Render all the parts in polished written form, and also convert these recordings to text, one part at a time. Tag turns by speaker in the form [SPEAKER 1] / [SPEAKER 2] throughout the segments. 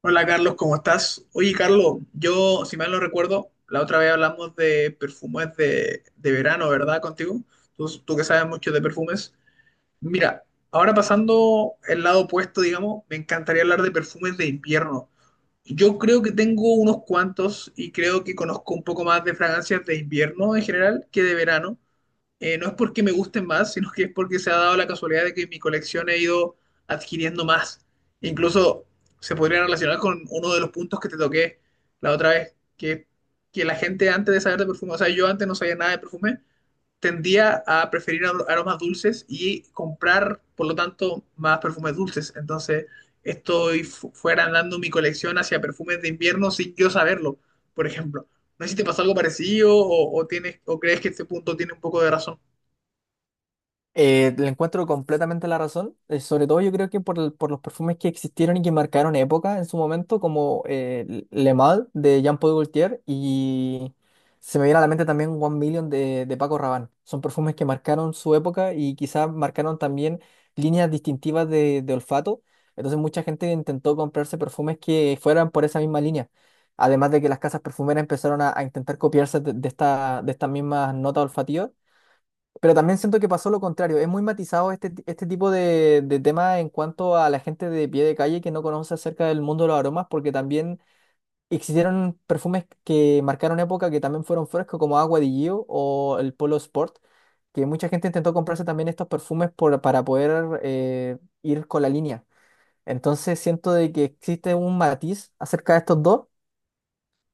[SPEAKER 1] Hola Carlos, ¿cómo estás? Oye Carlos, yo si mal no recuerdo, la otra vez hablamos de perfumes de verano, ¿verdad? Contigo, tú que sabes mucho de perfumes. Mira, ahora pasando el lado opuesto, digamos, me encantaría hablar de perfumes de invierno. Yo creo que tengo unos cuantos y creo que conozco un poco más de fragancias de invierno en general que de verano, no es porque me gusten más, sino que es porque se ha dado la casualidad de que mi colección he ido adquiriendo más. Incluso se podría relacionar con uno de los puntos que te toqué la otra vez, que la gente antes de saber de perfume, o sea, yo antes no sabía nada de perfume, tendía a preferir aromas dulces y comprar, por lo tanto, más perfumes dulces. Entonces, estoy fuera andando mi colección hacia perfumes de invierno sin yo saberlo, por ejemplo. No sé si te pasó algo parecido o tienes, o crees que este punto tiene un poco de razón.
[SPEAKER 2] Le encuentro completamente la razón, sobre todo yo creo que por los perfumes que existieron y que marcaron época en su momento, como Le Mal de Jean-Paul Gaultier y se me viene a la mente también One Million de Paco Rabanne. Son perfumes que marcaron su época y quizás marcaron también líneas distintivas de olfato. Entonces mucha gente intentó comprarse perfumes que fueran por esa misma línea. Además de que las casas perfumeras empezaron a intentar copiarse de estas mismas notas olfativas. Pero también siento que pasó lo contrario. Es muy matizado este tipo de tema en cuanto a la gente de pie de calle que no conoce acerca del mundo de los aromas, porque también existieron perfumes que marcaron época que también fueron frescos, como Agua di Gio o el Polo Sport, que mucha gente intentó comprarse también estos perfumes para poder ir con la línea. Entonces siento de que existe un matiz acerca de estos dos,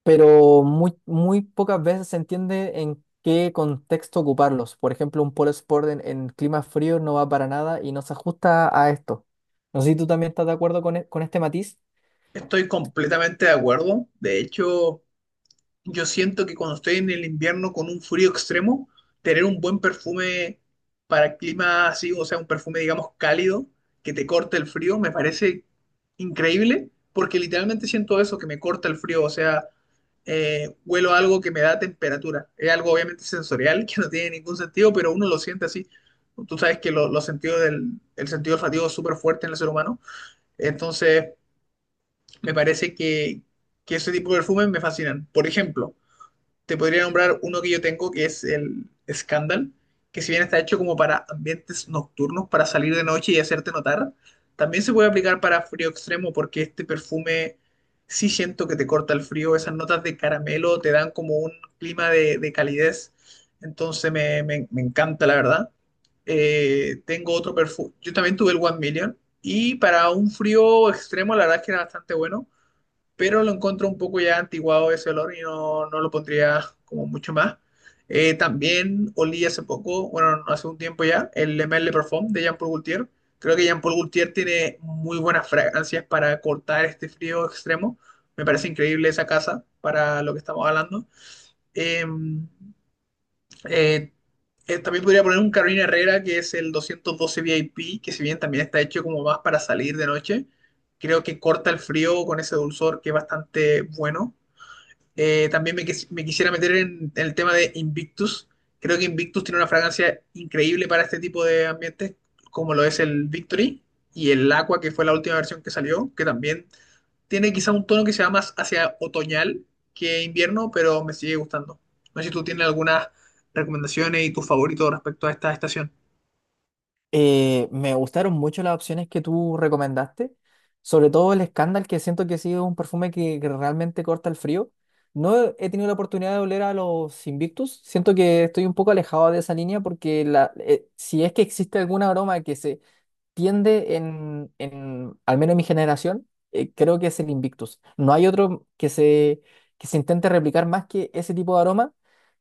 [SPEAKER 2] pero muy, muy pocas veces se entiende en qué contexto ocuparlos. Por ejemplo, un polo sport en clima frío no va para nada y no se ajusta a esto. No sé si tú también estás de acuerdo con este matiz.
[SPEAKER 1] Estoy completamente de acuerdo. De hecho, yo siento que cuando estoy en el invierno con un frío extremo, tener un buen perfume para clima así, o sea, un perfume, digamos, cálido, que te corte el frío, me parece increíble, porque literalmente siento eso, que me corta el frío, o sea, huelo algo que me da temperatura. Es algo obviamente sensorial que no tiene ningún sentido, pero uno lo siente así. Tú sabes que los sentidos del, el sentido olfativo es súper fuerte en el ser humano. Entonces, me parece que ese tipo de perfumes me fascinan. Por ejemplo, te podría nombrar uno que yo tengo que es el Scandal, que si bien está hecho como para ambientes nocturnos, para salir de noche y hacerte notar, también se puede aplicar para frío extremo porque este perfume sí siento que te corta el frío, esas notas de caramelo te dan como un clima de calidez, entonces me encanta la verdad. Tengo otro perfume, yo también tuve el One Million y para un frío extremo la verdad es que era bastante bueno pero lo encuentro un poco ya antiguado ese olor y no lo pondría como mucho más. También olí hace poco, bueno, no, hace un tiempo ya, el Le Male Parfum de Jean Paul Gaultier. Creo que Jean Paul Gaultier tiene muy buenas fragancias para cortar este frío extremo. Me parece increíble esa casa para lo que estamos hablando. Em, eh, También podría poner un Carolina Herrera, que es el 212 VIP, que si bien también está hecho como más para salir de noche, creo que corta el frío con ese dulzor que es bastante bueno. También me quisiera meter en el tema de Invictus. Creo que Invictus tiene una fragancia increíble para este tipo de ambientes, como lo es el Victory y el Aqua, que fue la última versión que salió, que también tiene quizá un tono que se va más hacia otoñal que invierno, pero me sigue gustando. No sé si tú tienes algunas recomendaciones y tus favoritos respecto a esta estación.
[SPEAKER 2] Me gustaron mucho las opciones que tú recomendaste, sobre todo el Scandal, que siento que ha sido un perfume que realmente corta el frío. No he tenido la oportunidad de oler a los Invictus. Siento que estoy un poco alejado de esa línea porque si es que existe algún aroma que se tiende al menos en mi generación, creo que es el Invictus. No hay otro que se intente replicar más que ese tipo de aroma,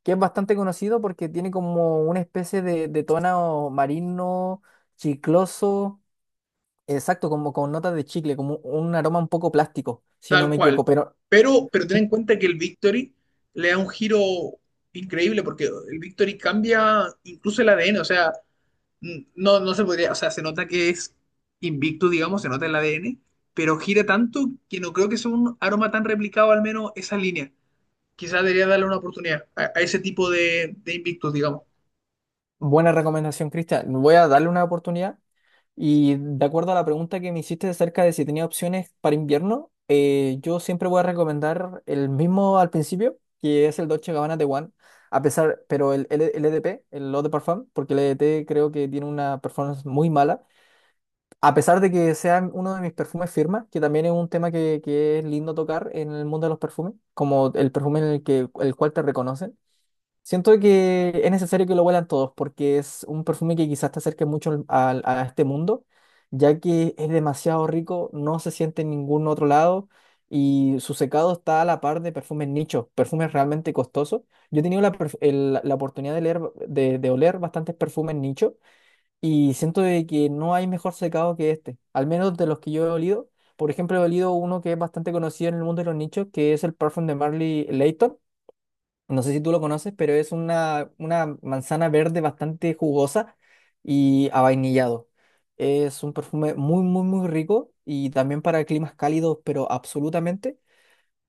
[SPEAKER 2] que es bastante conocido porque tiene como una especie de tono marino, chicloso, exacto, como con notas de chicle, como un aroma un poco plástico, si no
[SPEAKER 1] Tal
[SPEAKER 2] me
[SPEAKER 1] cual.
[SPEAKER 2] equivoco. Pero
[SPEAKER 1] Pero ten
[SPEAKER 2] mm,
[SPEAKER 1] en cuenta que el Victory le da un giro increíble porque el Victory cambia incluso el ADN. O sea, no, no se podría, o sea, se nota que es invicto, digamos, se nota el ADN, pero gira tanto que no creo que sea un aroma tan replicado, al menos esa línea. Quizás debería darle una oportunidad a ese tipo de invictos, digamos.
[SPEAKER 2] buena recomendación, Cristian. Voy a darle una oportunidad. Y de acuerdo a la pregunta que me hiciste acerca de si tenía opciones para invierno, yo siempre voy a recomendar el mismo al principio, que es el Dolce Gabbana de One, a pesar, pero el LDP, el Eau de Parfum, porque el LDP creo que tiene una performance muy mala, a pesar de que sea uno de mis perfumes firma, que también es un tema que es lindo tocar en el mundo de los perfumes, como el perfume en el el cual te reconocen. Siento que es necesario que lo huelan todos porque es un perfume que quizás te acerque mucho a este mundo, ya que es demasiado rico, no se siente en ningún otro lado y su secado está a la par de perfumes nichos, perfumes realmente costosos. Yo he tenido la oportunidad de oler bastantes perfumes nicho y siento de que no hay mejor secado que este, al menos de los que yo he olido. Por ejemplo, he olido uno que es bastante conocido en el mundo de los nichos, que es el perfume de Marley Layton, no sé si tú lo conoces, pero es una manzana verde bastante jugosa y avainillado. Es un perfume muy, muy, muy rico y también para climas cálidos, pero absolutamente.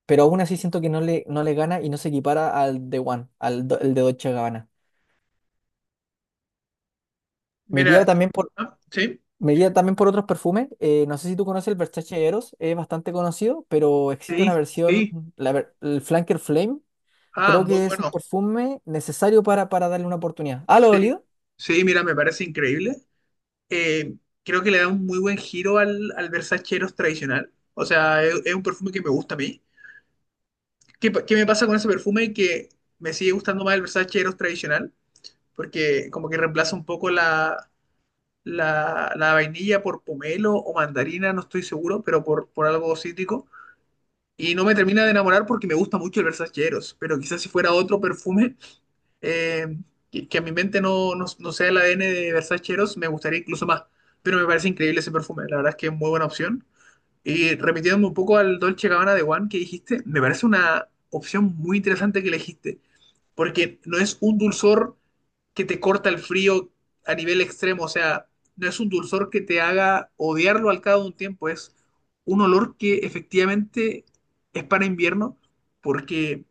[SPEAKER 2] Pero aún así siento que no le gana y no se equipara al The One, al el de Dolce Gabbana. Me iría
[SPEAKER 1] Mira,
[SPEAKER 2] también por,
[SPEAKER 1] ah, sí,
[SPEAKER 2] me iría también por otros perfumes. No sé si tú conoces el Versace Eros, es bastante conocido, pero existe una
[SPEAKER 1] sí,
[SPEAKER 2] versión,
[SPEAKER 1] sí,
[SPEAKER 2] el Flanker Flame.
[SPEAKER 1] ah,
[SPEAKER 2] Creo
[SPEAKER 1] muy
[SPEAKER 2] que es un
[SPEAKER 1] bueno,
[SPEAKER 2] perfume necesario para darle una oportunidad. ¿Ah, lo he
[SPEAKER 1] sí,
[SPEAKER 2] olido?
[SPEAKER 1] sí, mira, me parece increíble. Eh, Creo que le da un muy buen giro al Versace Eros tradicional, o sea, es un perfume que me gusta a mí. ¿Qué, qué me pasa con ese perfume que me sigue gustando más el Versace Eros tradicional? Porque como que reemplaza un poco la vainilla por pomelo o mandarina, no estoy seguro, pero por algo cítrico. Y no me termina de enamorar porque me gusta mucho el Versaceros, pero quizás si fuera otro perfume eh, que a mi mente no sea el ADN de Versaceros, me gustaría incluso más. Pero me parece increíble ese perfume, la verdad es que es muy buena opción. Y remitiéndome un poco al Dolce Gabbana de One que dijiste, me parece una opción muy interesante que elegiste, porque no es un dulzor que te corta el frío a nivel extremo, o sea, no es un dulzor que te haga odiarlo al cabo de un tiempo, es un olor que efectivamente es para invierno, porque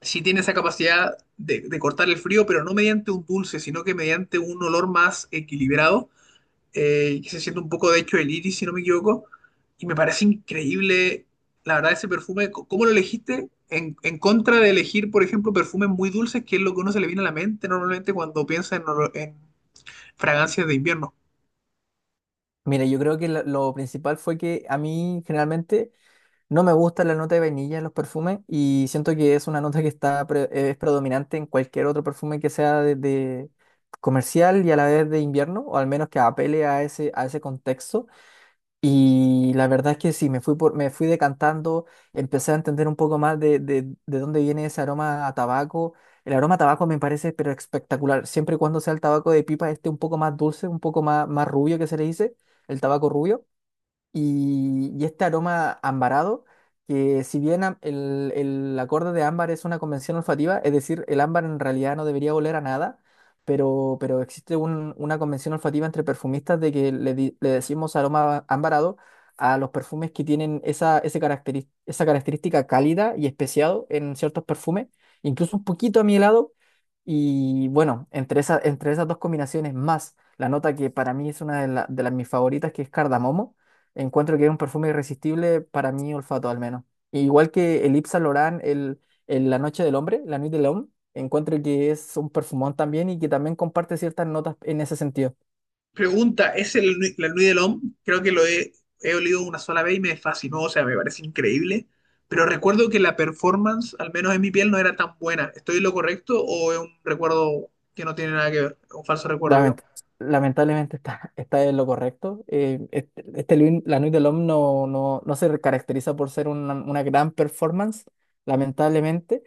[SPEAKER 1] sí tiene esa capacidad de cortar el frío, pero no mediante un dulce, sino que mediante un olor más equilibrado que se siente un poco de hecho el iris, si no me equivoco, y me parece increíble, la verdad, ese perfume, C- ¿cómo lo elegiste? En contra de elegir, por ejemplo, perfumes muy dulces, que es lo que uno se le viene a la mente normalmente cuando piensa en, olo- en fragancias de invierno.
[SPEAKER 2] Mira, yo creo que lo principal fue que a mí generalmente no me gusta la nota de vainilla en los perfumes y siento que es una nota que está es predominante en cualquier otro perfume que sea de comercial y a la vez de invierno, o al menos que apele a ese contexto. Y la verdad es que sí, me fui decantando, empecé a entender un poco más de dónde viene ese aroma a tabaco. El aroma a tabaco me parece pero espectacular, siempre y cuando sea el tabaco de pipa, este un poco más dulce, un poco más, más rubio que se le dice, el tabaco rubio y este aroma ambarado, que si bien el acorde de ámbar es una convención olfativa, es decir, el ámbar en realidad no debería oler a nada, pero existe una convención olfativa entre perfumistas de que le decimos aroma ambarado a los perfumes que tienen esa, ese esa característica cálida y especiado en ciertos perfumes, incluso un poquito amielado. Y bueno, entre esas dos combinaciones más la nota que para mí es una de las mis favoritas, que es cardamomo. Encuentro que es un perfume irresistible para mi olfato al menos. Igual que el Yves Saint Laurent, el La Noche del Hombre, La Nuit de l'Homme, encuentro que es un perfumón también y que también comparte ciertas notas en ese sentido.
[SPEAKER 1] Pregunta, ¿es el, Nui- la Nuit de l'Homme? Creo que lo he olido una sola vez y me fascinó, o sea, me parece increíble, pero recuerdo que la performance, al menos en mi piel, no era tan buena. ¿Estoy en lo correcto o es un recuerdo que no tiene nada que ver? Un falso recuerdo, digo.
[SPEAKER 2] Lament- lamentablemente está, está en lo correcto. Este La Nuit del l'Homme no se caracteriza por ser una gran performance, lamentablemente.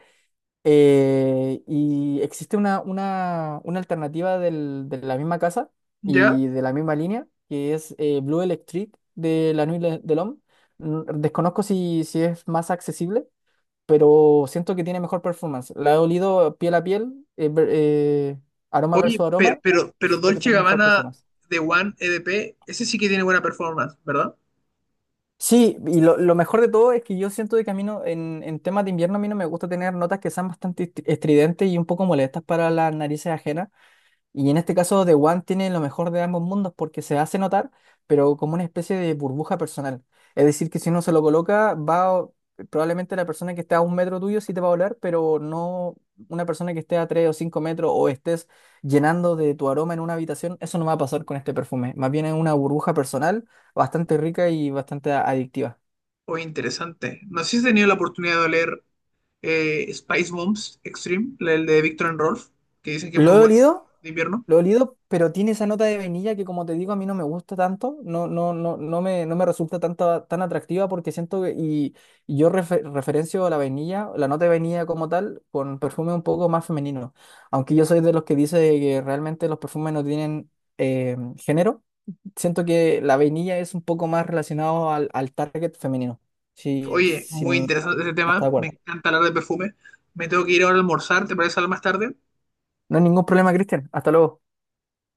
[SPEAKER 2] Y existe una alternativa de la misma casa
[SPEAKER 1] ¿Ya?
[SPEAKER 2] y de la misma línea, que es Blue Electric de la Nuit de Homme. Desconozco si es más accesible, pero siento que tiene mejor performance. La he olido piel a piel, aroma
[SPEAKER 1] Oye,
[SPEAKER 2] versus aroma, y
[SPEAKER 1] pero
[SPEAKER 2] siento que
[SPEAKER 1] Dolce
[SPEAKER 2] tiene mejor
[SPEAKER 1] Gabbana
[SPEAKER 2] performance.
[SPEAKER 1] de One EDP, ese sí que tiene buena performance, ¿verdad?
[SPEAKER 2] Sí, y lo mejor de todo es que yo siento de camino en temas de invierno a mí no me gusta tener notas que sean bastante estridentes y un poco molestas para las narices ajenas. Y en este caso, The One tiene lo mejor de ambos mundos porque se hace notar, pero como una especie de burbuja personal. Es decir, que si uno se lo coloca, va probablemente la persona que esté a un metro tuyo sí te va a oler, pero no una persona que esté a tres o cinco metros o estés llenando de tu aroma en una habitación. Eso no va a pasar con este perfume. Más bien es una burbuja personal bastante rica y bastante adictiva.
[SPEAKER 1] Oye, interesante. No sé si has tenido la oportunidad de leer Spice Moms Extreme, el de Victor and Rolf, que dicen que es
[SPEAKER 2] ¿Lo
[SPEAKER 1] muy
[SPEAKER 2] he
[SPEAKER 1] bueno
[SPEAKER 2] olido?
[SPEAKER 1] de invierno.
[SPEAKER 2] Lo he olido, pero tiene esa nota de vainilla que, como te digo, a mí no me gusta tanto, no me resulta tanto, tan atractiva porque siento y yo referencio a la vainilla, la nota de vainilla como tal, con perfume un poco más femenino. Aunque yo soy de los que dice que realmente los perfumes no tienen género, siento que la vainilla es un poco más relacionado al target femenino. Sí,
[SPEAKER 1] Oye, muy
[SPEAKER 2] sin,
[SPEAKER 1] interesante ese
[SPEAKER 2] hasta
[SPEAKER 1] tema.
[SPEAKER 2] de
[SPEAKER 1] Me
[SPEAKER 2] acuerdo.
[SPEAKER 1] encanta hablar de perfume. Me tengo que ir ahora a almorzar, ¿te parece hablar más tarde?
[SPEAKER 2] No hay ningún problema, Cristian. Hasta luego.